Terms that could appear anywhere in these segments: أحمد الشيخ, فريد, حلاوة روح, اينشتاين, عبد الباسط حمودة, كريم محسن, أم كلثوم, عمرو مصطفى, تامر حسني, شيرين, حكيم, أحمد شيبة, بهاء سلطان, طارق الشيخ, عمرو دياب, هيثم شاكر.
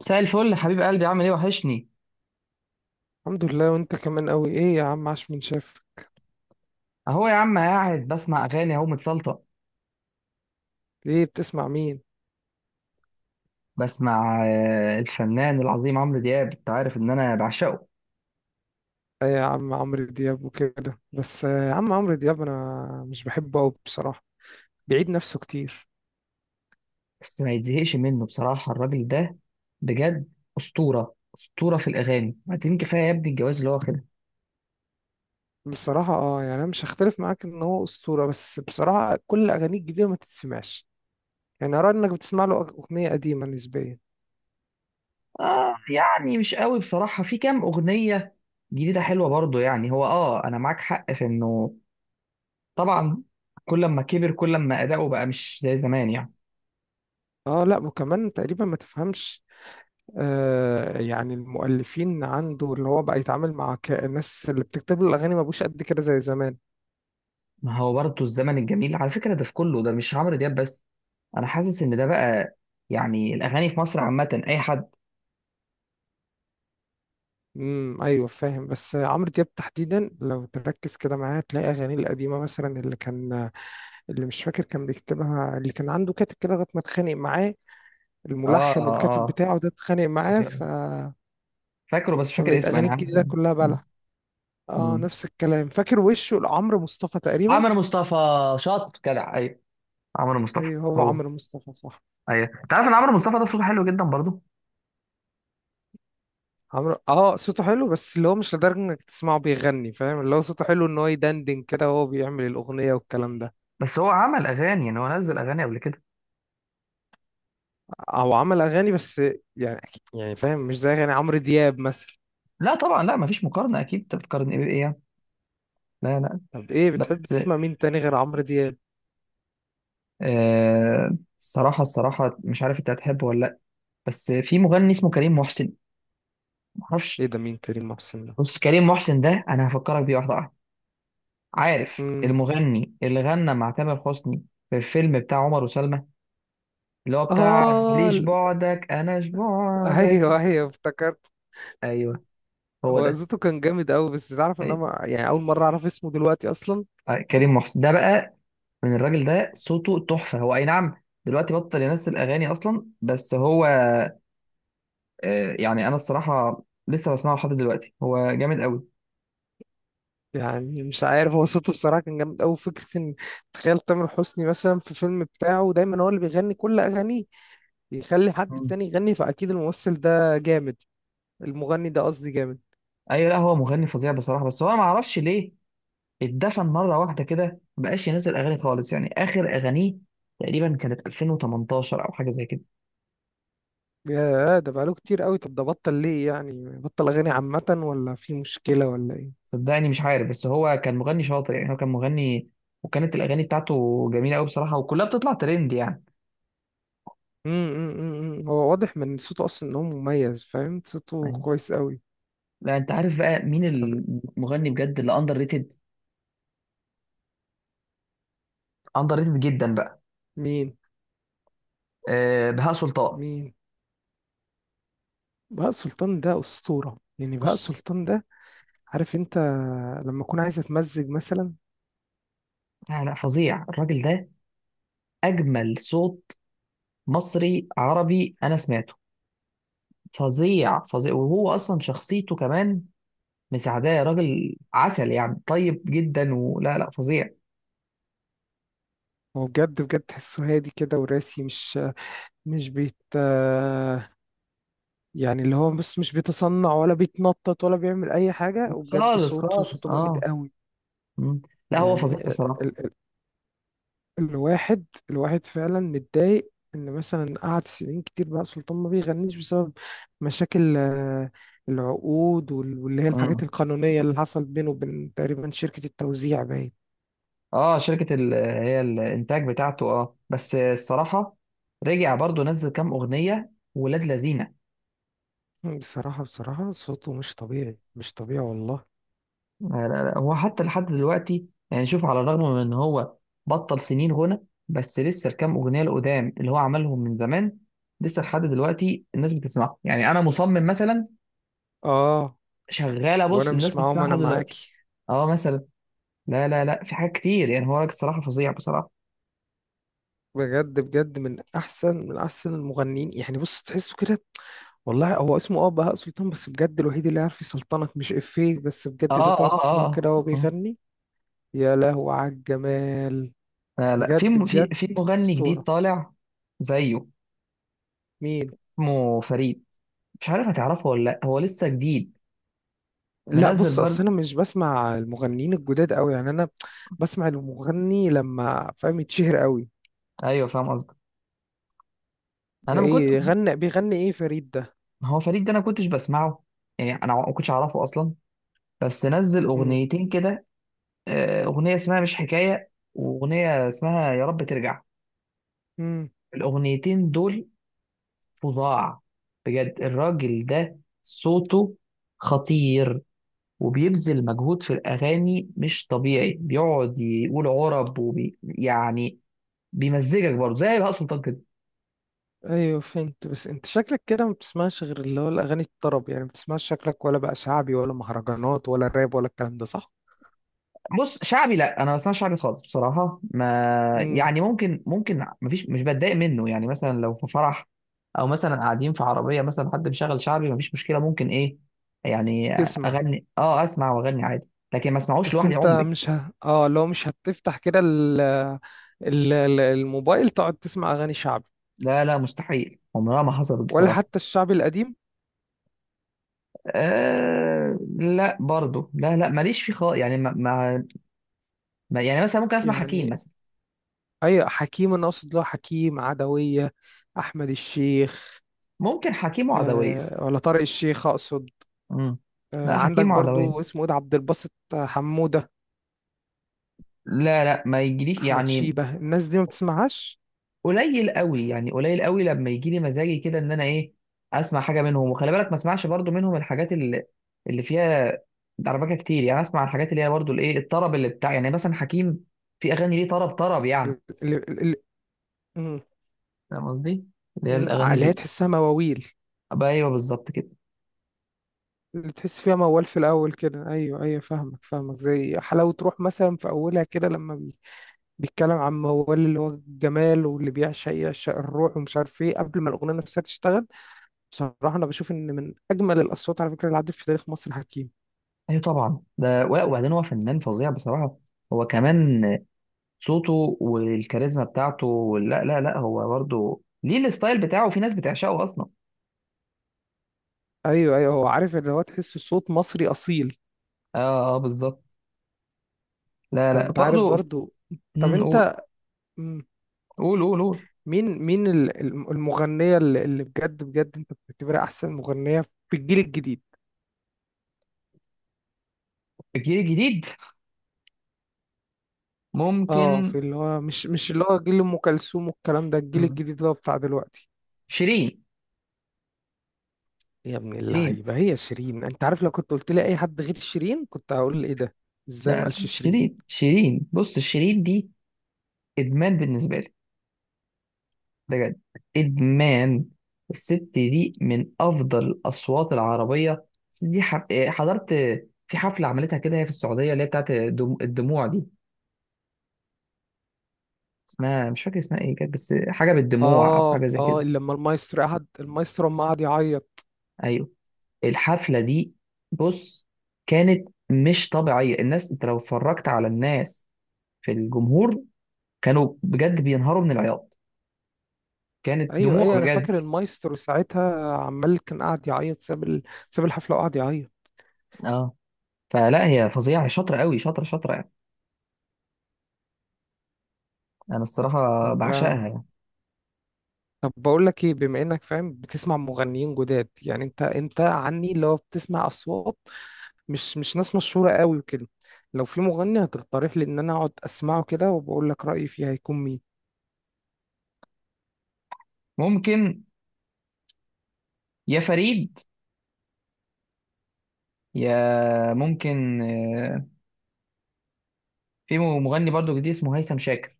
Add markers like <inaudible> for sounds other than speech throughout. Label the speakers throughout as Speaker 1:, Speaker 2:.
Speaker 1: مساء الفل يا حبيب قلبي، عامل ايه؟ وحشني.
Speaker 2: الحمد لله. وانت كمان قوي. ايه يا عم؟ عاش من شافك.
Speaker 1: اهو يا عم قاعد بسمع اغاني، اهو متسلطه.
Speaker 2: ايه بتسمع مين؟
Speaker 1: بسمع الفنان العظيم عمرو دياب. انت عارف ان انا بعشقه.
Speaker 2: آه، يا عم عمرو دياب وكده بس. يا عم عمرو دياب انا مش بحبه قوي بصراحة. بيعيد نفسه كتير.
Speaker 1: بس ما يتزهقش منه بصراحه الراجل ده، بجد. اسطوره اسطوره في الاغاني. بعدين كفايه يا ابني الجواز اللي هو واخدها.
Speaker 2: بصراحة يعني انا مش هختلف معاك ان هو اسطورة، بس بصراحة كل اغانيه الجديدة ما تتسمعش. يعني ارى انك بتسمع له اغنية قديمة نسبيا.
Speaker 1: اه يعني مش قوي بصراحه، في كام اغنيه جديده حلوه برضه. يعني هو، انا معاك حق في انه طبعا كل ما كبر كل ما اداؤه بقى مش زي زمان يعني.
Speaker 2: اه لا، وكمان تقريبا ما تفهمش. يعني المؤلفين عنده، اللي هو بقى يتعامل مع الناس اللي بتكتب له الاغاني، ما بقوش قد كده زي زمان.
Speaker 1: ما هو برضه الزمن الجميل على فكره ده، في كله ده مش عمرو دياب بس. انا حاسس ان ده بقى يعني الاغاني في مصر عامه اي حد.
Speaker 2: ايوه فاهم. بس عمرو دياب تحديدا لو تركز كده معاه هتلاقي اغانيه القديمه، مثلا اللي كان، اللي مش فاكر كان بيكتبها، اللي كان عنده كاتب كده لغايه ما اتخانق معاه،
Speaker 1: اه
Speaker 2: الملحن
Speaker 1: اه
Speaker 2: والكاتب
Speaker 1: اه.
Speaker 2: بتاعه ده اتخانق معاه.
Speaker 1: أيوة. فاكره، بس مش فاكر
Speaker 2: فبقت
Speaker 1: اسمه، انا
Speaker 2: اغانيه
Speaker 1: عارف.
Speaker 2: الجديده كلها
Speaker 1: م-
Speaker 2: بلح. اه،
Speaker 1: م.
Speaker 2: نفس الكلام، فاكر وشه، لعمرو مصطفى تقريبا.
Speaker 1: عمرو مصطفى، شاطر جدع. ايوه، عمرو مصطفى.
Speaker 2: ايوه، هو
Speaker 1: هو.
Speaker 2: عمرو مصطفى صح.
Speaker 1: ايوه انت عارف ان عمرو مصطفى ده صوته حلو جدا برضه.
Speaker 2: عمرو صوته حلو، بس اللي هو مش لدرجه انك تسمعه بيغني. فاهم؟ اللي هو صوته حلو ان هو يدندن كده وهو بيعمل الاغنيه والكلام ده.
Speaker 1: بس هو عمل اغاني؟ يعني هو نزل اغاني قبل كده؟
Speaker 2: هو عمل اغاني، بس يعني يعني فاهم، مش زي اغاني عمرو دياب مثلا.
Speaker 1: لا طبعا، لا مفيش مقارنه، اكيد انت بتقارن ايه بايه يعني؟ لا لا.
Speaker 2: طب ايه بتحب
Speaker 1: بس
Speaker 2: تسمع مين تاني غير عمرو دياب؟
Speaker 1: الصراحه الصراحه مش عارف انت هتحبه ولا لا، بس في مغني اسمه كريم محسن، معرفش.
Speaker 2: ايه ده، مين كريم محسن ده؟
Speaker 1: بص كريم محسن ده انا هفكرك بيه، واحده واحدة. عارف
Speaker 2: امم.
Speaker 1: المغني اللي غنى مع تامر حسني في الفيلم بتاع عمر وسلمى، اللي هو بتاع
Speaker 2: اه <laughs>
Speaker 1: ليش بعدك اناش بعدك
Speaker 2: ايوه ايوه افتكرت.
Speaker 1: ايوه هو
Speaker 2: هو
Speaker 1: ده.
Speaker 2: صوته كان جامد قوي. بس تعرف ان انا
Speaker 1: أيوة.
Speaker 2: يعني اول مره اعرف اسمه دلوقتي اصلا.
Speaker 1: أيوة. كريم محسن ده بقى، من الراجل ده صوته تحفة. هو اي نعم دلوقتي بطل ينزل اغاني اصلا، بس هو يعني انا الصراحة لسه بسمعه لحد دلوقتي، هو جامد قوي.
Speaker 2: يعني مش عارف، هو صوته بصراحه كان جامد قوي. فكره ان تخيل تامر حسني مثلا، في فيلم بتاعه دايما هو اللي بيغني كل اغانيه، يخلي حد
Speaker 1: مم.
Speaker 2: تاني يغني؟ فاكيد الممثل ده جامد، المغني ده قصدي جامد.
Speaker 1: ايوه، لا هو مغني فظيع بصراحة، بس هو ما اعرفش ليه اتدفن مره واحده كده مبقاش ينزل اغاني خالص. يعني اخر اغانيه تقريبا كانت 2018 او حاجه زي كده.
Speaker 2: يا ده بقاله كتير قوي. طب ده بطل ليه يعني؟ بطل اغاني عامة، ولا في مشكلة، ولا ايه؟
Speaker 1: صدقني مش عارف، بس هو كان مغني شاطر، يعني هو كان مغني، وكانت الاغاني بتاعته جميله قوي بصراحه، وكلها بتطلع ترند يعني.
Speaker 2: هو واضح من صوته اصلا ان هو مميز. فاهم؟ صوته
Speaker 1: أيوة.
Speaker 2: كويس قوي.
Speaker 1: لا انت عارف بقى مين المغني بجد اللي اندر ريتد، اندر ريتد جدا بقى؟
Speaker 2: مين؟
Speaker 1: أه، بهاء سلطان.
Speaker 2: مين بهاء سلطان ده، اسطورة يعني! بهاء
Speaker 1: بص،
Speaker 2: سلطان ده، عارف انت، لما اكون عايز اتمزج مثلا.
Speaker 1: لا لا فظيع الراجل ده، اجمل صوت مصري عربي انا سمعته. فظيع فظيع. وهو اصلا شخصيته كمان مساعداه، يا راجل عسل يعني، طيب جدا، ولا لا فظيع.
Speaker 2: هو بجد بجد تحسه هادي كده وراسي، مش يعني اللي هو بص، مش بيتصنع ولا بيتنطط ولا بيعمل اي حاجة. وبجد
Speaker 1: خالص
Speaker 2: صوته
Speaker 1: خالص،
Speaker 2: صوته جامد
Speaker 1: اه.
Speaker 2: قوي.
Speaker 1: مم. لا هو
Speaker 2: يعني
Speaker 1: فظيع بصراحه.
Speaker 2: الواحد فعلا متضايق ان مثلا قعد سنين كتير بقى سلطان ما بيغنيش، بسبب مشاكل العقود واللي هي
Speaker 1: مم.
Speaker 2: الحاجات القانونية اللي حصل بينه وبين تقريبا شركة التوزيع، باين.
Speaker 1: اه، شركه هي الانتاج بتاعته، اه، بس الصراحه رجع برضو، نزل كام اغنيه ولاد لذينه.
Speaker 2: بصراحة بصراحة صوته مش طبيعي، مش طبيعي والله.
Speaker 1: لا لا لا. هو حتى لحد دلوقتي يعني شوف، على الرغم من ان هو بطل سنين غنى، بس لسه الكام اغنيه القدام اللي هو عملهم من زمان لسه لحد دلوقتي الناس بتسمعها، يعني انا مصمم مثلا
Speaker 2: اه،
Speaker 1: شغاله. بص،
Speaker 2: وانا
Speaker 1: الناس
Speaker 2: مش معاهم،
Speaker 1: بتسمعها
Speaker 2: انا
Speaker 1: لحد دلوقتي.
Speaker 2: معاكي.
Speaker 1: اه، مثلا لا لا لا، في حاجات كتير يعني. هو راجل الصراحه فظيع بصراحه.
Speaker 2: بجد بجد من احسن من احسن المغنيين، يعني بص تحسه كده والله. هو اسمه بهاء سلطان، بس بجد الوحيد اللي عارف يسلطنك، مش افيه بس
Speaker 1: اه
Speaker 2: بجد، ده تقعد
Speaker 1: اه
Speaker 2: تسمعه
Speaker 1: اه.
Speaker 2: كده وهو
Speaker 1: آه.
Speaker 2: بيغني. يا لهو على الجمال!
Speaker 1: لا لا في
Speaker 2: بجد
Speaker 1: م- في
Speaker 2: بجد
Speaker 1: في مغني جديد
Speaker 2: اسطوره.
Speaker 1: طالع زيه،
Speaker 2: مين؟
Speaker 1: اسمه فريد. مش عارف هتعرفه ولا لا، هو لسه جديد
Speaker 2: لا
Speaker 1: منزل
Speaker 2: بص، اصل
Speaker 1: برضه.
Speaker 2: انا مش بسمع المغنيين الجداد قوي. يعني انا بسمع المغني لما فاهم يتشهر قوي.
Speaker 1: ايوه فاهم قصدك.
Speaker 2: ده
Speaker 1: انا ما كنت
Speaker 2: ايه غنى، بيغني ايه فريد ده؟
Speaker 1: هو فريد ده انا ما كنتش بسمعه، يعني انا ما كنتش اعرفه اصلا، بس نزل
Speaker 2: امم.
Speaker 1: اغنيتين كده. اغنيه اسمها مش حكايه واغنيه اسمها يا رب ترجع،
Speaker 2: امم
Speaker 1: الاغنيتين دول فظاع. بجد الراجل ده صوته خطير، وبيبذل مجهود في الأغاني مش طبيعي، بيقعد يقول عرب وبي يعني، بيمزجك برضه زي بهاء سلطان كده.
Speaker 2: ايوه فهمت. بس انت شكلك كده ما بتسمعش غير اللي هو الاغاني الطرب، يعني ما بتسمعش شكلك ولا بقى شعبي ولا مهرجانات ولا راب ولا الكلام ده، صح؟
Speaker 1: بص شعبي، لا انا ما بسمعش شعبي خالص بصراحه، ما
Speaker 2: امم.
Speaker 1: يعني ممكن ممكن مفيش مش بتضايق منه، يعني مثلا لو في فرح او مثلا قاعدين في عربيه مثلا حد مشغل شعبي مفيش مشكله ممكن ايه يعني،
Speaker 2: تسمع.
Speaker 1: اغني، اه اسمع واغني عادي، لكن ما اسمعوش
Speaker 2: بس
Speaker 1: لوحدي
Speaker 2: انت
Speaker 1: عمري.
Speaker 2: مش ه... اه لو مش هتفتح كده الموبايل تقعد تسمع اغاني شعبي؟
Speaker 1: لا لا مستحيل، عمرها ما حصلت
Speaker 2: ولا
Speaker 1: بصراحه.
Speaker 2: حتى الشعبي القديم؟
Speaker 1: آه، لا برضو، لا لا ماليش فيه خالص، يعني يعني مثلا ممكن اسمع حكيم
Speaker 2: يعني
Speaker 1: مثلا.
Speaker 2: أي حكيم؟ أنا أقصد له حكيم عدوية، أحمد الشيخ.
Speaker 1: ممكن حكيم وعدوية.
Speaker 2: آه، ولا طارق الشيخ أقصد.
Speaker 1: امم.
Speaker 2: آه،
Speaker 1: لا،
Speaker 2: عندك
Speaker 1: حكيم
Speaker 2: برضو
Speaker 1: وعدوية
Speaker 2: اسمه إيه ده، عبد الباسط حمودة،
Speaker 1: لا لا ما يجيليش
Speaker 2: أحمد
Speaker 1: يعني،
Speaker 2: شيبة. الناس دي ما بتسمعهاش؟
Speaker 1: قليل قوي يعني قليل قوي لما يجي لي مزاجي كده ان انا ايه اسمع حاجة منهم، وخلي بالك ما اسمعش برضو منهم الحاجات اللي فيها دربكة كتير، يعني اسمع الحاجات اللي هي برضو الايه الطرب اللي بتاع، يعني مثلا حكيم في اغاني ليه طرب طرب يعني.
Speaker 2: ال- ال- ال- ال- مم،
Speaker 1: فاهم قصدي؟ اللي هي الاغاني
Speaker 2: اللي هي
Speaker 1: اللي...
Speaker 2: تحسها مواويل،
Speaker 1: أبقى ايوه بالظبط كده.
Speaker 2: اللي تحس فيها موال في الأول كده. أيوه أيوه فاهمك فاهمك. زي حلاوة روح مثلا، في أولها كده لما بيتكلم عن موال، اللي هو الجمال، واللي بيعشق يعشق الروح ومش عارف إيه، قبل ما الأغنية نفسها تشتغل. بصراحة أنا بشوف إن من أجمل الأصوات على فكرة اللي عدت في تاريخ مصر حكيم.
Speaker 1: ايوه طبعا، ده وبعدين هو فنان فظيع بصراحة. هو كمان صوته والكاريزما بتاعته لا لا لا، هو برضه ليه الستايل بتاعه، في ناس بتعشقه اصلا.
Speaker 2: أيوه أيوه هو عارف، اللي هو تحس صوت مصري أصيل.
Speaker 1: اه اه بالظبط. لا
Speaker 2: طب
Speaker 1: لا
Speaker 2: أنت عارف
Speaker 1: برضه.
Speaker 2: برضو؟ طب
Speaker 1: مم، قول
Speaker 2: أنت... مم،
Speaker 1: قول قول قول.
Speaker 2: مين المغنية اللي بجد بجد أنت بتعتبرها أحسن مغنية في الجيل الجديد؟
Speaker 1: الجيل الجديد
Speaker 2: أه،
Speaker 1: ممكن.
Speaker 2: في اللي هو مش اللي هو جيل أم كلثوم والكلام ده، الجيل
Speaker 1: مم.
Speaker 2: الجديد اللي هو بتاع دلوقتي.
Speaker 1: شيرين.
Speaker 2: يا ابن
Speaker 1: شيرين.
Speaker 2: اللعيبة، هي شيرين! أنت عارف لو كنت قلت لي أي حد غير شيرين كنت هقول إيه ده، إزاي ما
Speaker 1: لا لا،
Speaker 2: قالش شيرين!
Speaker 1: شيرين شيرين، بص شيرين دي ادمان بالنسبه لي، بجد ادمان. الست دي من افضل الاصوات العربيه. الست دي حضرت في حفله عملتها كده هي في السعوديه، اللي هي بتاعت الدموع دي، اسمها مش فاكر اسمها ايه كانت، بس حاجه بالدموع او
Speaker 2: اه
Speaker 1: حاجه زي
Speaker 2: اه،
Speaker 1: كده.
Speaker 2: لما المايسترو قعد، المايسترو لما قعد يعيط.
Speaker 1: ايوه، الحفله دي، بص، كانت مش طبيعيه. الناس، انت لو اتفرجت على الناس في الجمهور، كانوا بجد بينهاروا من العياط، كانت
Speaker 2: ايوه
Speaker 1: دموع
Speaker 2: ايوه انا
Speaker 1: بجد.
Speaker 2: فاكر، المايسترو ساعتها عمال كان قاعد يعيط، ساب ساب الحفله وقعد يعيط.
Speaker 1: اه. فلا، هي فظيعه، هي شاطره قوي، شاطره شاطره يعني، انا الصراحه بعشقها
Speaker 2: طب
Speaker 1: يعني.
Speaker 2: طب بقول لك ايه، بما انك فاهم بتسمع مغنيين جداد، يعني انت عني اللي هو بتسمع اصوات مش ناس مشهوره قوي وكده، لو في مغني هتقترح لي ان انا اقعد اسمعه كده وبقول لك رايي فيه، هيكون مين؟
Speaker 1: ممكن يا فريد، يا ممكن. في مغني برضو جديد اسمه هيثم شاكر.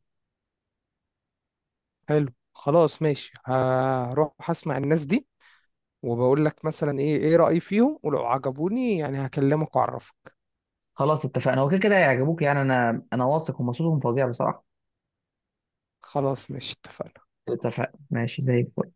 Speaker 2: حلو خلاص، ماشي، هروح اسمع الناس دي، وبقول لك مثلا ايه، ايه رايي فيهم، ولو عجبوني يعني هكلمك واعرفك.
Speaker 1: خلاص اتفقنا، هو كده كده هيعجبوك، يعني انا واثق هم صوتهم فظيع بصراحه.
Speaker 2: خلاص ماشي، اتفقنا.
Speaker 1: اتفقنا، ماشي زي الفل.